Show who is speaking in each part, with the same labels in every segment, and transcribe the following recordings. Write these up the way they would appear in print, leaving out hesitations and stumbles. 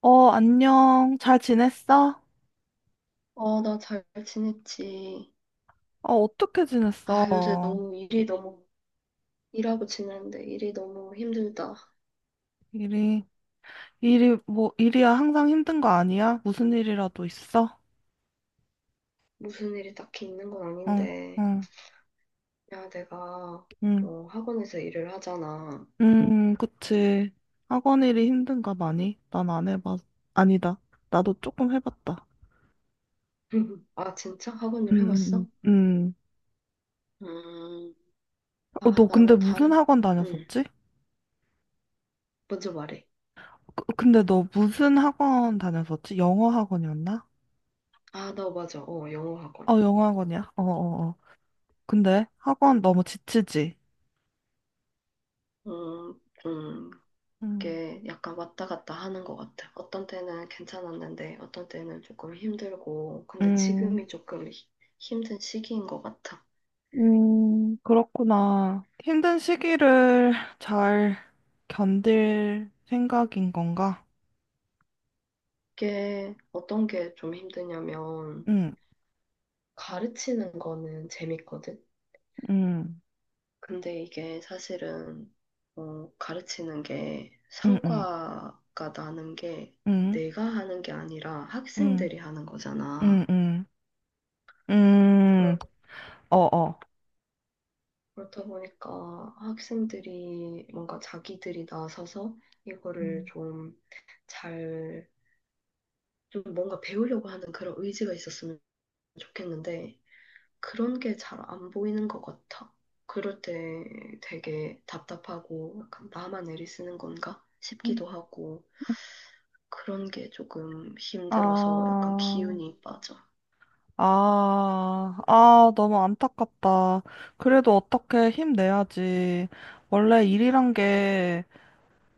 Speaker 1: 어, 안녕. 잘 지냈어?
Speaker 2: 나 잘 지냈지.
Speaker 1: 어, 어떻게 지냈어?
Speaker 2: 요새 일하고 지내는데 일이 너무 힘들다.
Speaker 1: 일이, 일이, 뭐, 일이야. 항상 힘든 거 아니야? 무슨 일이라도 있어?
Speaker 2: 무슨 일이 딱히 있는 건
Speaker 1: 응,
Speaker 2: 아닌데.
Speaker 1: 응,
Speaker 2: 야,
Speaker 1: 응.
Speaker 2: 학원에서 일을 하잖아.
Speaker 1: 그치. 학원 일이 힘든가 많이? 난 안 해봤, 아니다. 나도 조금 해봤다.
Speaker 2: 아, 진짜? 학원 일
Speaker 1: 응, 응,
Speaker 2: 해봤어?
Speaker 1: 응. 응.
Speaker 2: 음,
Speaker 1: 어,
Speaker 2: 아,
Speaker 1: 너 근데
Speaker 2: 나는
Speaker 1: 무슨
Speaker 2: 다른,
Speaker 1: 학원
Speaker 2: 음,
Speaker 1: 다녔었지?
Speaker 2: 먼저 말해.
Speaker 1: 근데 너 무슨 학원 다녔었지? 영어 학원이었나?
Speaker 2: 아, 나 맞아. 영어 학원.
Speaker 1: 어, 영어 학원이야. 어, 어, 어. 근데 학원 너무 지치지?
Speaker 2: 음, 음,
Speaker 1: 응.
Speaker 2: 게 약간 왔다 갔다 하는 것 같아. 어떤 때는 괜찮았는데, 어떤 때는 조금 힘들고, 근데
Speaker 1: 음,
Speaker 2: 지금이 조금 히- 힘든 시기인 것 같아.
Speaker 1: 음, 그렇구나. 힘든 시기를 잘 견딜 생각인 건가?
Speaker 2: 이게 어떤 게 좀 힘드냐면,
Speaker 1: 응,
Speaker 2: 가르치는 거는 재밌거든?
Speaker 1: 응,
Speaker 2: 근데 이게 사실은, 어, 가르치는 게
Speaker 1: 응, 응,
Speaker 2: 성과가 나는 게
Speaker 1: 응,
Speaker 2: 내가 하는 게 아니라
Speaker 1: 응,
Speaker 2: 학생들이 하는
Speaker 1: 응,
Speaker 2: 거잖아.
Speaker 1: 응, 응,
Speaker 2: 그러다
Speaker 1: 어, 어.
Speaker 2: 그렇다 보니까 학생들이 뭔가 자기들이 나서서 이거를
Speaker 1: 음,
Speaker 2: 잘, 좀 뭔가 배우려고 하는 그런 의지가 있었으면 좋겠는데, 그런 게 잘 안 보이는 것 같아. 그럴 때 되게 답답하고, 약간 나만 애리 쓰는 건가
Speaker 1: 음.
Speaker 2: 싶기도 하고, 그런 게 조금 힘들어서 약간
Speaker 1: 아,
Speaker 2: 기운이 빠져.
Speaker 1: 아, 아, 너무 안타깝다. 그래도 어떻게 힘내야지. 원래 일이란 게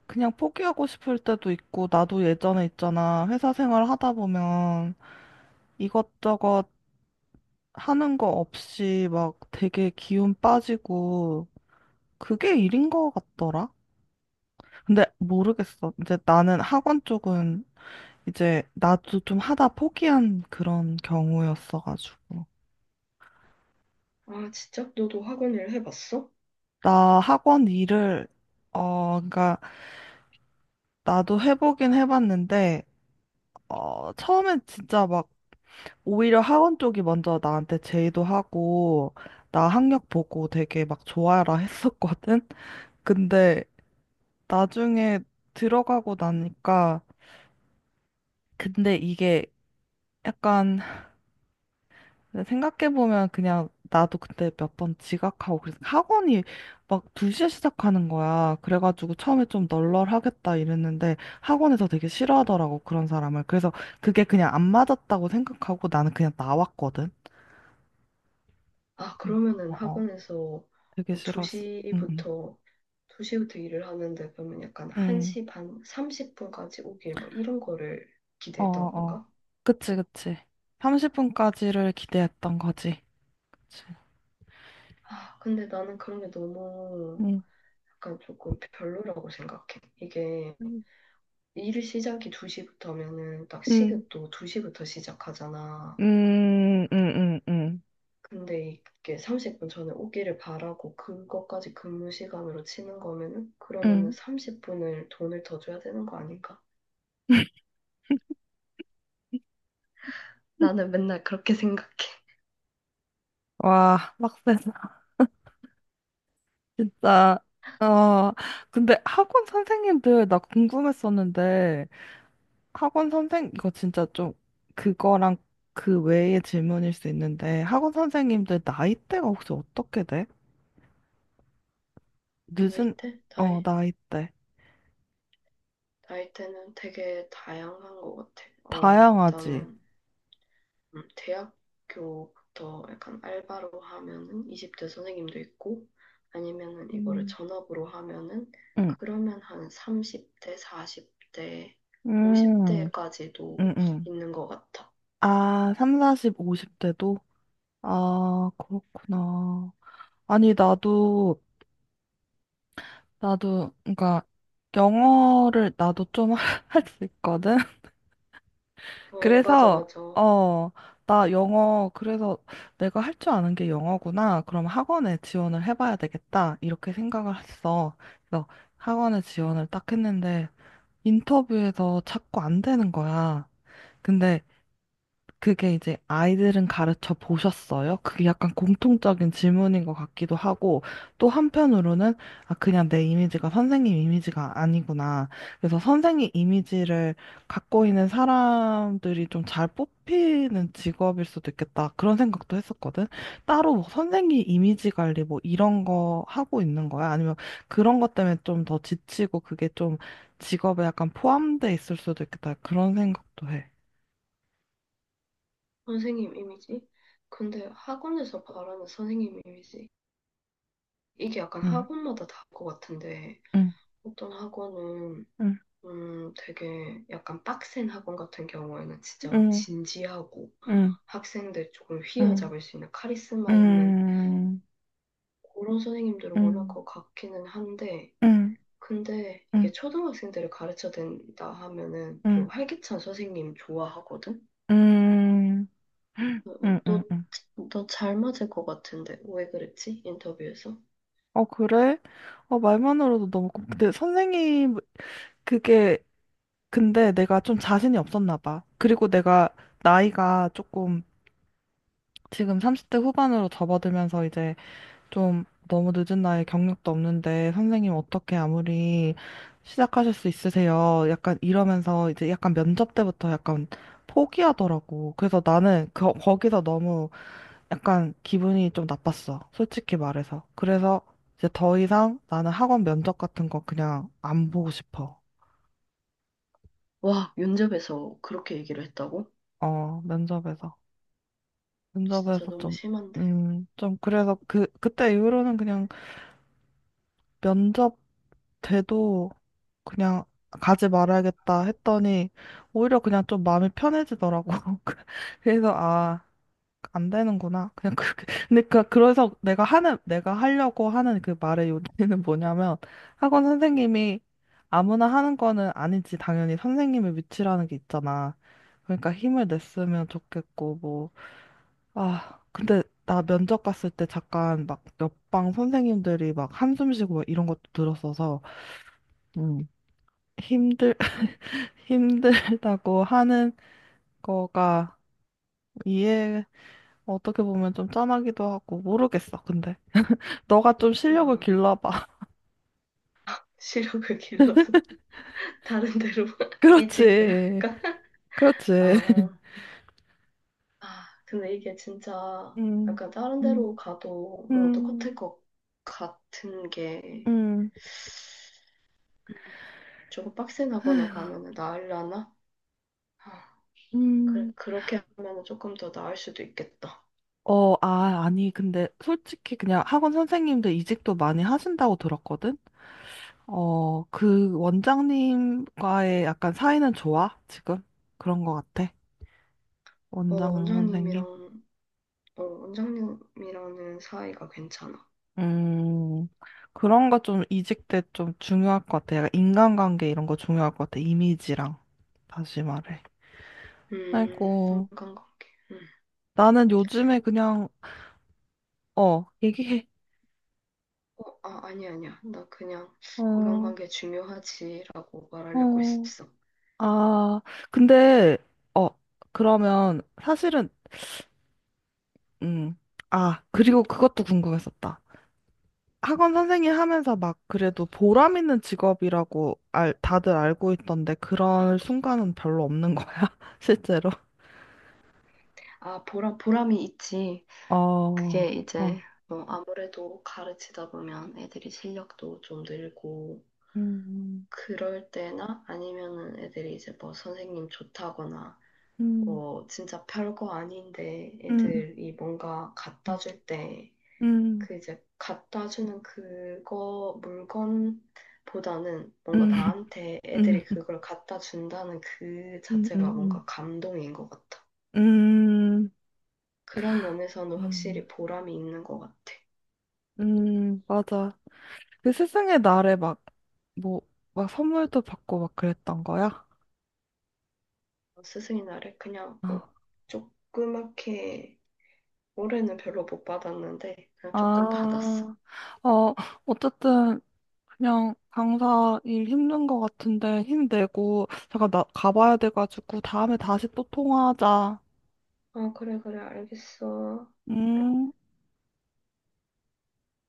Speaker 1: 그냥 포기하고 싶을 때도 있고, 나도 예전에 있잖아. 회사 생활 하다 보면. 이것저것 하는 거 없이 막 되게 기운 빠지고 그게 일인 것 같더라. 근데 모르겠어. 이제 나는 학원 쪽은 이제 나도 좀 하다 포기한 그런 경우였어가지고.
Speaker 2: 아, 진짜? 너도 학원 일 해봤어?
Speaker 1: 나 학원 일을, 어, 그러니까 나도 해보긴 해봤는데, 어, 처음엔 진짜 막 오히려 학원 쪽이 먼저 나한테 제의도 하고, 나 학력 보고 되게 막 좋아라 했었거든? 근데 나중에 들어가고 나니까, 근데 이게 약간 생각해보면 그냥 나도 그때 몇 번 지각하고 그래서 학원이 막 2시에 시작하는 거야. 그래가지고 처음에 좀 널널하겠다 이랬는데 학원에서 되게 싫어하더라고, 그런 사람을. 그래서 그게 그냥 안 맞았다고 생각하고 나는 그냥 나왔거든.
Speaker 2: 아,
Speaker 1: 음,
Speaker 2: 그러면은
Speaker 1: 어, 어.
Speaker 2: 학원에서
Speaker 1: 되게
Speaker 2: 뭐
Speaker 1: 싫었어. 응, 응.
Speaker 2: 2시부터, 2시부터 일을 하는데 그러면 약간
Speaker 1: 응,
Speaker 2: 1시 반, 30분까지 오길 뭐 이런 거를
Speaker 1: 어,
Speaker 2: 기대했던
Speaker 1: 어. 어.
Speaker 2: 건가?
Speaker 1: 그치, 그치. 30분까지를 기대했던 거지. 그치.
Speaker 2: 아, 근데 나는 그런 게 너무
Speaker 1: 응.
Speaker 2: 약간 조금 별로라고 생각해. 이게
Speaker 1: 음.
Speaker 2: 일 시작이 2시부터 하면은 딱
Speaker 1: 응.
Speaker 2: 시급도 2시부터 시작하잖아.
Speaker 1: 음, 음, 음, 음.
Speaker 2: 근데 이게 30분 전에 오기를 바라고 그것까지 근무 시간으로 치는 거면은 그러면은
Speaker 1: 음.
Speaker 2: 30분을 돈을 더 줘야 되는 거 아닌가? 나는 맨날 그렇게 생각해.
Speaker 1: 와, 빡세다. 진짜. 어, 근데 학원 선생님들 나 궁금했었는데, 학원 선생, 이거 진짜 좀 그거랑 그 외의 질문일 수 있는데, 학원 선생님들 나이대가 혹시 어떻게 돼?
Speaker 2: 나이
Speaker 1: 늦은,
Speaker 2: 때? 나이,
Speaker 1: 어, 나이대.
Speaker 2: 나이대는 되게 다양한 것 같아.
Speaker 1: 다양하지.
Speaker 2: 일단은 대학교부터 약간 알바로 하면은 20대 선생님도 있고, 아니면은 이거를
Speaker 1: 음.
Speaker 2: 전업으로 하면은
Speaker 1: 응.
Speaker 2: 그러면 한 30대, 40대,
Speaker 1: 음,
Speaker 2: 50대까지도
Speaker 1: 응, 응.
Speaker 2: 있는 것 같아.
Speaker 1: 아, 3, 40, 50대도? 아, 그렇구나. 아니, 나도, 그러니까, 영어를 나도 좀 할 수 있거든?
Speaker 2: 어, 맞아,
Speaker 1: 그래서,
Speaker 2: 맞아.
Speaker 1: 어, 나 영어, 그래서 내가 할 줄 아는 게 영어구나. 그럼 학원에 지원을 해봐야 되겠다. 이렇게 생각을 했어. 그래서 학원에 지원을 딱 했는데, 인터뷰에서 자꾸 안 되는 거야. 근데 그게 이제 아이들은 가르쳐 보셨어요? 그게 약간 공통적인 질문인 것 같기도 하고, 또 한편으로는, 아, 그냥 내 이미지가 선생님 이미지가 아니구나. 그래서 선생님 이미지를 갖고 있는 사람들이 좀 잘 뽑히는 직업일 수도 있겠다. 그런 생각도 했었거든. 따로 뭐 선생님 이미지 관리 뭐 이런 거 하고 있는 거야? 아니면 그런 것 때문에 좀 더 지치고 그게 좀 직업에 약간 포함돼 있을 수도 있겠다. 그런 생각도 해.
Speaker 2: 선생님 이미지? 근데 학원에서 바라는 선생님 이미지? 이게 약간
Speaker 1: 응,
Speaker 2: 학원마다 다를 것 같은데.
Speaker 1: 응,
Speaker 2: 어떤 학원은
Speaker 1: 응.
Speaker 2: 되게 약간 빡센 학원 같은 경우에는 진짜 막
Speaker 1: 음,
Speaker 2: 진지하고
Speaker 1: 음,
Speaker 2: 학생들 조금
Speaker 1: 음,
Speaker 2: 휘어잡을 수 있는 카리스마 있는
Speaker 1: 음,
Speaker 2: 그런 선생님들을
Speaker 1: 음,
Speaker 2: 원할
Speaker 1: 음,
Speaker 2: 것 같기는 한데
Speaker 1: 음,
Speaker 2: 근데 이게
Speaker 1: 음,
Speaker 2: 초등학생들을 가르쳐야 된다 하면은 좀
Speaker 1: 음,
Speaker 2: 활기찬 선생님 좋아하거든?
Speaker 1: 음,
Speaker 2: 어, 어,
Speaker 1: 음,
Speaker 2: 너,
Speaker 1: 음.
Speaker 2: 너 잘 맞을 것 같은데 왜 그랬지? 인터뷰에서?
Speaker 1: 어, 그래? 어, 말만으로도 너무 근데 선생님, 그게, 근데 내가 좀 자신이 없었나 봐. 그리고 내가 나이가 조금 지금 30대 후반으로 접어들면서 이제 좀 너무 늦은 나이에 경력도 없는데 선생님 어떻게 아무리 시작하실 수 있으세요? 약간 이러면서 이제 약간 면접 때부터 약간 포기하더라고. 그래서 나는 거기서 너무 약간 기분이 좀 나빴어. 솔직히 말해서. 그래서 이제 더 이상 나는 학원 면접 같은 거 그냥 안 보고 싶어.
Speaker 2: 와, 면접에서 그렇게 얘기를 했다고?
Speaker 1: 어, 면접에서.
Speaker 2: 진짜
Speaker 1: 면접에서
Speaker 2: 너무
Speaker 1: 좀,
Speaker 2: 심한데.
Speaker 1: 좀 그래서 그때 이후로는 그냥 면접 돼도 그냥 가지 말아야겠다 했더니 오히려 그냥 좀 마음이 편해지더라고. 그래서 아, 안 되는구나. 그냥 그렇게. 근데 그래서 내가 하는, 내가 하려고 하는 그 말의 요지는 뭐냐면 학원 선생님이 아무나 하는 거는 아니지. 당연히 선생님의 위치라는 게 있잖아. 그러니까 힘을 냈으면 좋겠고, 뭐. 아, 근데 나 면접 갔을 때 잠깐 막 옆방 선생님들이 막 한숨 쉬고 막 이런 것도 들었어서 힘들, 힘들다고 하는 거가 이해, 어떻게 보면 좀 짠하기도 하고, 모르겠어, 근데. 너가 좀 실력을
Speaker 2: 랑
Speaker 1: 길러봐.
Speaker 2: 시력을 길러서 다른 데로 이직을
Speaker 1: 그렇지.
Speaker 2: 할까?
Speaker 1: 그렇지.
Speaker 2: 아, 아, 근데 이게 진짜
Speaker 1: 음,
Speaker 2: 약간 다른 데로
Speaker 1: 음,
Speaker 2: 가도 뭐 똑같을
Speaker 1: 음,
Speaker 2: 것 같은 게
Speaker 1: 음,
Speaker 2: 조금 빡센 학원을 가면은 나으려나? 아, 그래,
Speaker 1: 음.
Speaker 2: 그렇게 하면은 조금 더 나을 수도 있겠다.
Speaker 1: 어, 아, 아니, 근데 솔직히 그냥 학원 선생님들 이직도 많이 하신다고 들었거든? 어, 그 원장님과의 약간 사이는 좋아, 지금? 그런 거 같아.
Speaker 2: 어,
Speaker 1: 원장 선생님.
Speaker 2: 원장님이랑, 어, 원장님이랑은 사이가 괜찮아.
Speaker 1: 음, 그런 거 좀 이직 때 좀 중요할 것 같아. 약간 인간관계 이런 거 중요할 것 같아. 이미지랑. 다시 말해. 아이고,
Speaker 2: 인간관계. 음.
Speaker 1: 나는 요즘에 그냥, 어, 얘기해.
Speaker 2: 어, 아, 아니야, 아니야. 나 그냥
Speaker 1: 어,
Speaker 2: 인간관계 중요하지라고 말하려고
Speaker 1: 어,
Speaker 2: 했어.
Speaker 1: 아, 근데, 어, 그러면 사실은, 음, 아, 그리고 그것도 궁금했었다. 학원 선생님 하면서 막 그래도 보람 있는 직업이라고 알, 다들 알고 있던데 그런 순간은 별로 없는 거야, 실제로?
Speaker 2: 아, 보람이 있지.
Speaker 1: 어,
Speaker 2: 그게
Speaker 1: 어,
Speaker 2: 이제, 아무래도 가르치다 보면 애들이 실력도 좀 늘고,
Speaker 1: 음,
Speaker 2: 그럴 때나 아니면은 애들이 이제 뭐 선생님 좋다거나,
Speaker 1: 음,
Speaker 2: 뭐 진짜 별거 아닌데
Speaker 1: 음,
Speaker 2: 애들이 뭔가 갖다
Speaker 1: 음,
Speaker 2: 줄 때,
Speaker 1: 음,
Speaker 2: 그 이제 갖다 주는 그거, 물건보다는 뭔가
Speaker 1: 음,
Speaker 2: 나한테
Speaker 1: 음,
Speaker 2: 애들이
Speaker 1: 음,
Speaker 2: 그걸 갖다 준다는 그 자체가
Speaker 1: 음,
Speaker 2: 뭔가 감동인 것 같아.
Speaker 1: 음,
Speaker 2: 그런 면에서는
Speaker 1: 음,
Speaker 2: 확실히 보람이 있는 것 같아.
Speaker 1: 맞아. 그 스승의 날에 막, 뭐, 막 선물도 받고 막 그랬던 거야?
Speaker 2: 스승의 날에 그냥
Speaker 1: 어.
Speaker 2: 뭐 조그맣게 올해는 별로 못 받았는데 그냥 조금 받았어.
Speaker 1: 아, 어, 어쨌든, 그냥 강사 일 힘든 거 같은데 힘내고, 잠깐 나 가봐야 돼가지고, 다음에 다시 또 통화하자.
Speaker 2: 아, 그래, 그래, 알겠어.
Speaker 1: 음.